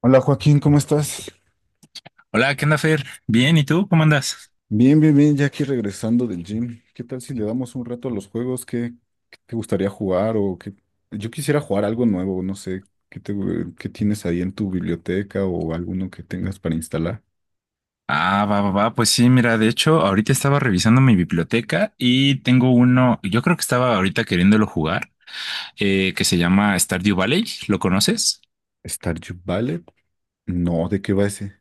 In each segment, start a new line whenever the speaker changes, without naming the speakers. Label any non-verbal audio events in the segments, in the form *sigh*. Hola Joaquín, ¿cómo estás?
Hola, ¿qué onda, Fer? Bien, ¿y tú? ¿Cómo andas?
Bien, bien, bien, ya aquí regresando del gym. ¿Qué tal si le damos un rato a los juegos? ¿Qué te gustaría jugar? O qué. Yo quisiera jugar algo nuevo, no sé, ¿qué tienes ahí en tu biblioteca o alguno que tengas para instalar?
Ah, va, va, va. Pues sí, mira, de hecho, ahorita estaba revisando mi biblioteca y tengo uno, yo creo que estaba ahorita queriéndolo jugar, que se llama Stardew Valley. ¿Lo conoces?
¿Stardew Valley? No, ¿de qué va ese?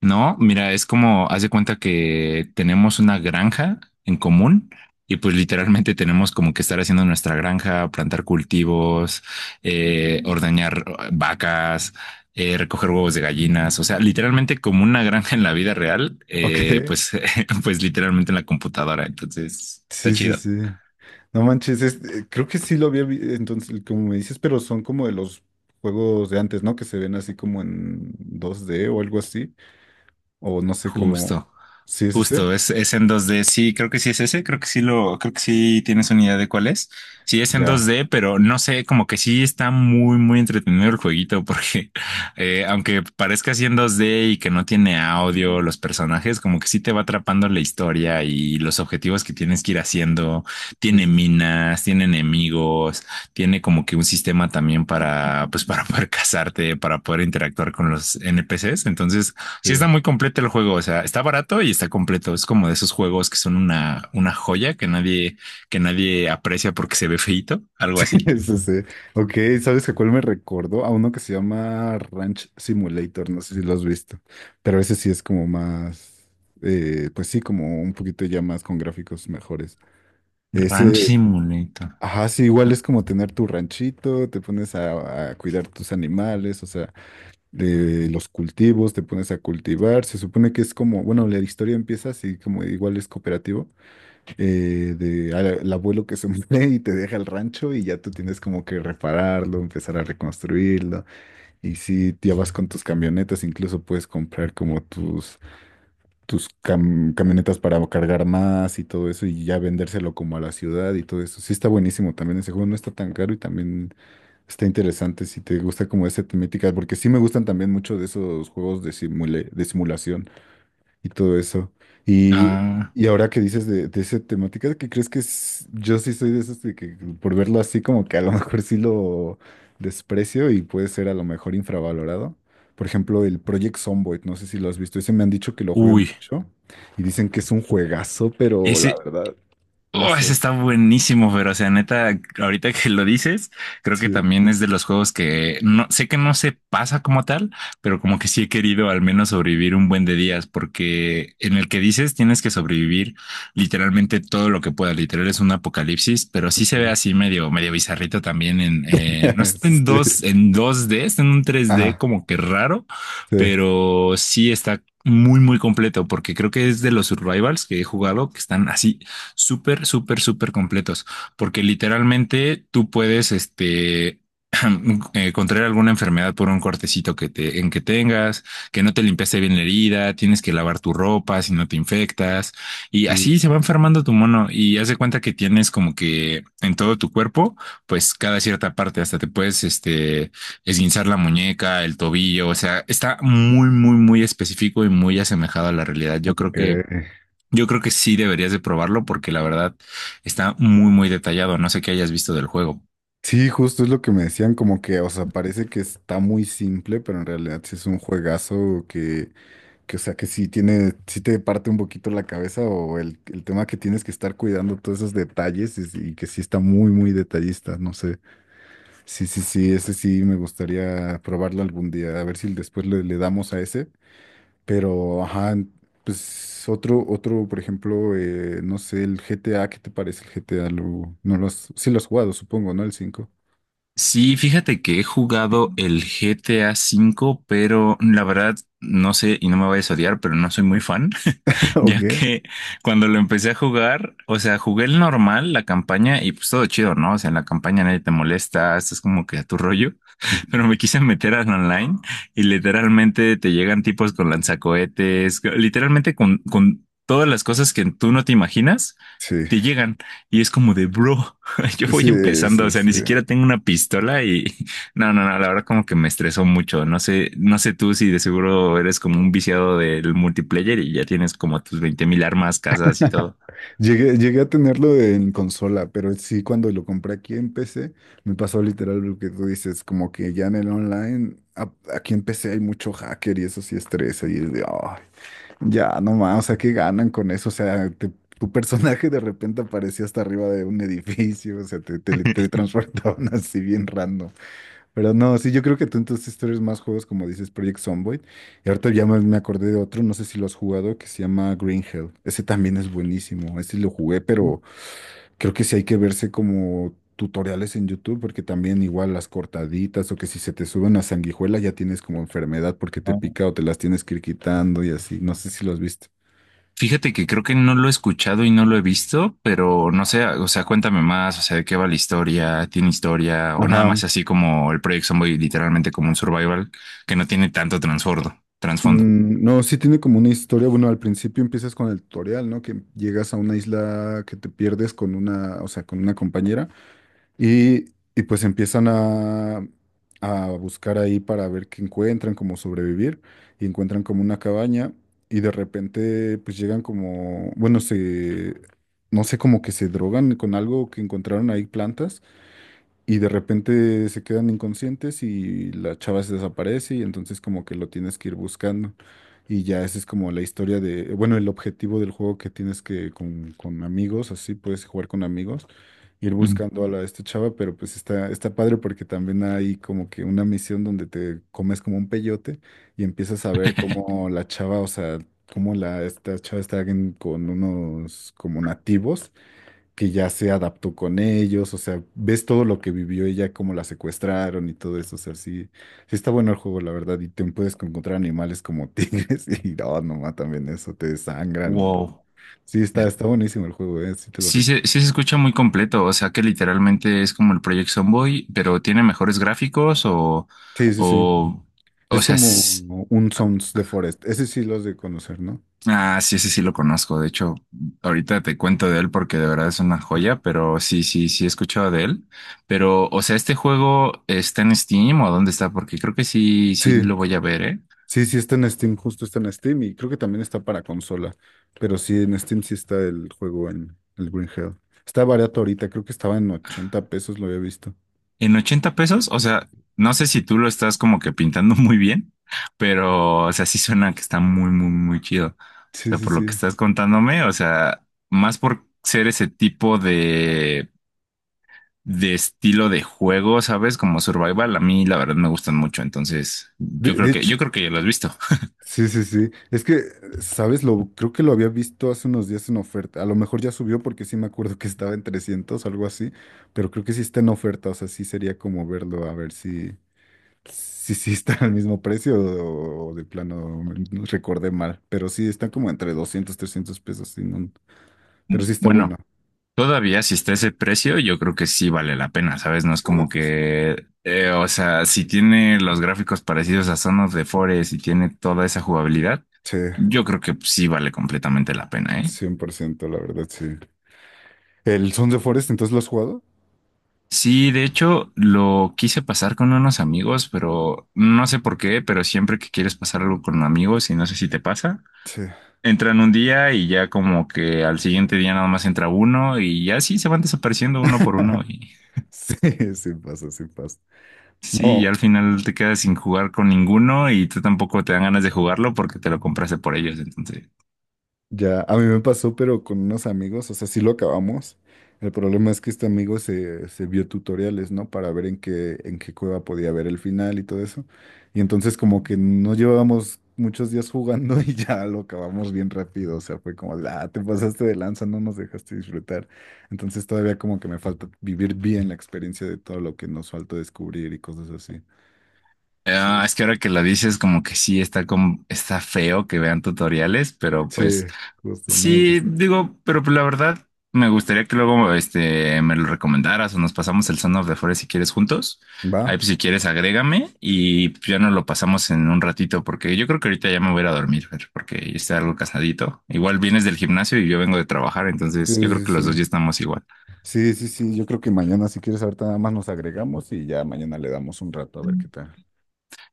No, mira, es como, haz de cuenta que tenemos una granja en común y pues literalmente tenemos como que estar haciendo nuestra granja, plantar cultivos, ordeñar vacas, recoger huevos de gallinas, o sea, literalmente como una granja en la vida real,
*laughs* ¿Ok?
pues, *laughs* pues literalmente en la computadora, entonces está
Sí, sí,
chido.
sí. No manches, creo que sí lo había visto. Entonces, como me dices, pero son como de los juegos de antes, ¿no? Que se ven así como en 2D o algo así. O no sé cómo.
Justo.
Sí, sí, sí.
Justo, es en 2D. Sí, creo que sí es ese. Creo que sí tienes una idea de cuál es. Sí, es en
Ya.
2D, pero no sé, como que sí está muy, muy entretenido el jueguito, porque *laughs* aunque parezca así en 2D y que no tiene audio, los personajes, como que sí te va atrapando la historia y los objetivos que tienes que ir haciendo.
Sí,
Tiene
sí, sí.
minas, tiene enemigos, tiene como que un sistema también para, pues, para poder *laughs* casarte, para poder interactuar con los NPCs. Entonces, sí, está muy
*laughs*
completo el juego. O sea, está barato y está completo. Es como de esos juegos que son una joya que nadie aprecia porque se ve feito, algo
Sí,
así.
sí, sí. Ok, ¿sabes a cuál me recordó? A uno que se llama Ranch Simulator, no sé si lo has visto, pero ese sí es como más, pues sí, como un poquito ya más con gráficos mejores.
Ranch
Ese,
Simulator.
ajá, sí, igual es como tener tu ranchito, te pones a cuidar tus animales, o sea, de los cultivos, te pones a cultivar, se supone que es como, bueno, la historia empieza así como igual es cooperativo. Al abuelo que se *laughs* muere y te deja el rancho y ya tú tienes como que repararlo, empezar a reconstruirlo. Y si ya vas con tus camionetas, incluso puedes comprar como tus, camionetas para cargar más y todo eso y ya vendérselo como a la ciudad y todo eso. Sí está buenísimo también ese juego, no está tan caro y también está interesante si te gusta como esa temática, porque sí me gustan también mucho de esos juegos de de simulación y todo eso. Y,
Ah,
y ahora que dices de esa temática, ¿qué crees que es? Yo sí soy de esos de que por verlo así como que a lo *laughs* mejor sí lo desprecio y puede ser a lo mejor infravalorado. Por ejemplo, el Project Zomboid, no sé si lo has visto, ese me han dicho que lo juegue
uy,
mucho y dicen que es un juegazo, pero la
ese,
verdad, no
oh, ese
sé.
está buenísimo, pero o sea, neta, ahorita que lo dices, creo que
Sí,
también es de los juegos que no sé que no se pasa como tal, pero como que sí he querido al menos sobrevivir un buen de días, porque en el que dices tienes que sobrevivir literalmente todo lo que puedas. Literal es un apocalipsis, pero sí
ok.
se ve así medio, medio bizarrito no
*laughs*
está
Sí.
en 2D está en un 3D
Ajá,
como que raro,
sí.
pero sí está muy, muy completo, porque creo que es de los survivals que he jugado que están así súper, súper, súper completos, porque literalmente tú puedes, *clears throat* contraer alguna enfermedad por un cortecito en que tengas, que no te limpiaste bien la herida, tienes que lavar tu ropa si no te infectas, y
Uh,
así se va enfermando tu mono y haz de cuenta que tienes como que en todo tu cuerpo, pues cada cierta parte, hasta te puedes, esguinzar la muñeca, el tobillo, o sea, está muy, muy, muy específico y muy asemejado a la realidad.
ok.
Yo creo que sí deberías de probarlo porque la verdad está muy, muy detallado. No sé qué hayas visto del juego.
Sí, justo es lo que me decían, como que, o sea, parece que está muy simple, pero en realidad sí es un juegazo que, que sí tiene, sí te parte un poquito la cabeza o el tema que tienes que estar cuidando todos esos detalles y, que sí está muy, muy detallista, no sé. Sí, sí, sí, ese sí me gustaría probarlo algún día, a ver si después le damos a ese, pero, ajá, pues por ejemplo, no sé, el GTA, ¿qué te parece el GTA? No lo has, sí lo has jugado, supongo, ¿no? El cinco.
Sí, fíjate que he jugado el GTA V, pero la verdad no sé y no me vayas a odiar, pero no soy muy fan, *laughs*
*laughs* ¿O
ya
qué?
que cuando lo empecé a jugar, o sea, jugué el normal, la campaña y pues todo chido, ¿no? O sea, en la campaña nadie te molesta, estás como que a tu rollo, *laughs* pero me quise meter al online y literalmente te llegan tipos con lanzacohetes, literalmente con todas las cosas que tú no te imaginas
Sí,
te llegan y es como de, bro, *laughs* yo voy
sí,
empezando, o sea, ni siquiera tengo una pistola y *laughs* no, no, no, la verdad como que me estresó mucho. No sé, no sé tú si de seguro eres como un viciado del multiplayer y ya tienes como tus 20,000 armas, casas y todo.
llegué a tenerlo en consola, pero sí cuando lo compré aquí en PC, me pasó literal lo que tú dices, como que ya en el online, aquí en PC hay mucho hacker y eso sí estresa y es de: "Ay, ya no más, o sea, ¿qué ganan con eso? O sea, tu personaje de repente apareció hasta arriba de un edificio, o sea, te transportaban *laughs* así bien random". Pero no, sí, yo creo que tú entonces tú eres más juegos como dices Project Zomboid. Y ahorita ya me acordé de otro, no sé si lo has jugado, que se llama Green Hell. Ese también es buenísimo. Ese lo jugué,
¿No?
pero creo que sí hay que verse como tutoriales en YouTube, porque también igual las cortaditas o que si se te sube una sanguijuela ya tienes como enfermedad porque te
Ah.
pica o te las tienes que ir quitando y así. No sé si lo has visto.
Fíjate que creo que no lo he escuchado y no lo he visto, pero no sé, o sea, cuéntame más, o sea, de qué va la historia, tiene historia o nada más
Ajá.
así como el Project Zomboid, literalmente como un survival que no tiene tanto trasfondo.
Mm, no, sí tiene como una historia. Bueno, al principio empiezas con el tutorial, ¿no? Que llegas a una isla que te pierdes con una, o sea, con una compañera. Y, y pues empiezan a buscar ahí para ver qué encuentran, cómo sobrevivir, y encuentran como una cabaña, y de repente pues llegan como, bueno, se, no sé, como que se drogan con algo que encontraron ahí plantas, y de repente se quedan inconscientes y la chava se desaparece, y entonces como que lo tienes que ir buscando. Y ya esa es como la historia de, bueno, el objetivo del juego que tienes que con, amigos, así puedes jugar con amigos ir
Ujú.
buscando a esta chava, pero pues está padre porque también hay como que una misión donde te comes como un peyote y empiezas a ver cómo la chava, o sea, cómo esta chava está con unos como nativos que ya se adaptó con ellos, o sea, ves todo lo que vivió ella, cómo la secuestraron y todo eso, o sea, sí, sí está bueno el juego, la verdad, y te puedes encontrar animales como tigres *laughs* y oh, no, nomás también eso, te desangran y todo.
Wow.
Sí, está, buenísimo el juego, sí te lo recuerdo.
Sí se escucha muy completo, o sea que literalmente es como el Project Zomboid, pero tiene mejores gráficos
Sí, sí, sí.
o, o
Es
sea,
como
s-
un
ah,
Sons de Forest. Ese sí los de conocer, ¿no?
ah, sí, ese sí lo conozco, de hecho, ahorita te cuento de él porque de verdad es una joya, pero sí, sí, sí he escuchado de él, pero, o sea, ¿este juego está en Steam o dónde está? Porque creo que sí, sí
Sí,
lo voy a ver, ¿eh?
sí, sí está en Steam, justo está en Steam y creo que también está para consola. Pero sí, en Steam sí está el juego en el Green Hell. Está barato ahorita, creo que estaba en 80 pesos, lo había visto.
En 80 pesos, o sea, no sé si tú lo estás como que pintando *laughs* muy bien, pero, o sea, sí suena que está muy, muy, muy chido. O
Sí,
sea,
sí,
por lo que
sí.
estás contándome, o sea, más por ser ese tipo de estilo de juego, ¿sabes? Como survival, a mí la verdad me gustan mucho, entonces
De, de hecho,
yo creo que ya lo has visto. *laughs*
sí, sí, sí. Es que, ¿sabes? Creo que lo había visto hace unos días en oferta. A lo mejor ya subió porque sí me acuerdo que estaba en 300, algo así. Pero creo que sí está en oferta, o sea, sí sería como verlo, a ver si. Sí, sí, están al mismo precio o de plano no recordé mal, pero sí están como entre 200 300 pesos, sí, no, pero sí está bueno.
Bueno, todavía si está ese precio, yo creo que sí vale la pena, ¿sabes? No es
Sí,
como
sí, sí.
que, o sea, si tiene los gráficos parecidos a Son of the Forest y tiene toda esa jugabilidad,
Sí,
yo creo que sí vale completamente la pena, ¿eh?
100%, la verdad, sí. ¿El Sons of Forest, entonces lo has jugado?
Sí, de hecho, lo quise pasar con unos amigos, pero no sé por qué, pero siempre que quieres pasar algo con amigos y no sé si te pasa,
Sí.
entran un día y ya como que al siguiente día nada más entra uno y ya sí se van desapareciendo uno por uno.
*laughs* Sí, sí pasa, sí pasa.
Sí,
No,
y al final te quedas sin jugar con ninguno y tú tampoco te dan ganas de jugarlo porque te lo compraste por ellos. Entonces,
ya, a mí me pasó, pero con unos amigos, o sea, sí lo acabamos. El problema es que este amigo se vio tutoriales, ¿no? Para ver en qué, cueva podía ver el final y todo eso. Y entonces como que no llevábamos muchos días jugando *laughs* y ya lo acabamos bien rápido. O sea, fue como, de, ah, te pasaste de lanza, no nos dejaste disfrutar. Entonces todavía como que me falta vivir bien la experiencia de todo lo que nos falta descubrir y cosas así. Sí,
ah, es que ahora que lo dices, como que sí está, como, está feo que vean tutoriales, pero
sí,
pues
justo, no me
sí,
gusta.
digo, pero pues, la verdad me gustaría que luego me lo recomendaras o nos pasamos el Son of the Forest si quieres juntos.
¿Va?
Ahí pues si quieres agrégame y pues, ya nos lo pasamos en un ratito porque yo creo que ahorita ya me voy a ir a dormir, Fer, porque ya está algo cansadito. Igual vienes del gimnasio y yo vengo de trabajar,
Sí,
entonces yo creo
sí,
que
sí.
los dos ya estamos igual.
Sí, sí, sí, yo creo que mañana, si quieres, ahorita nada más nos agregamos y ya mañana le damos un rato a ver qué tal.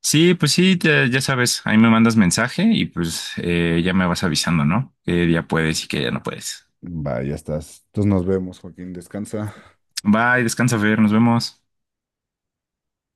Sí, pues sí, te- ya sabes, ahí me mandas mensaje y pues ya me vas avisando, ¿no? Que ya puedes y que ya no puedes.
Va, ya estás. Entonces nos vemos, Joaquín, descansa.
Bye, descansa, Fer, nos vemos.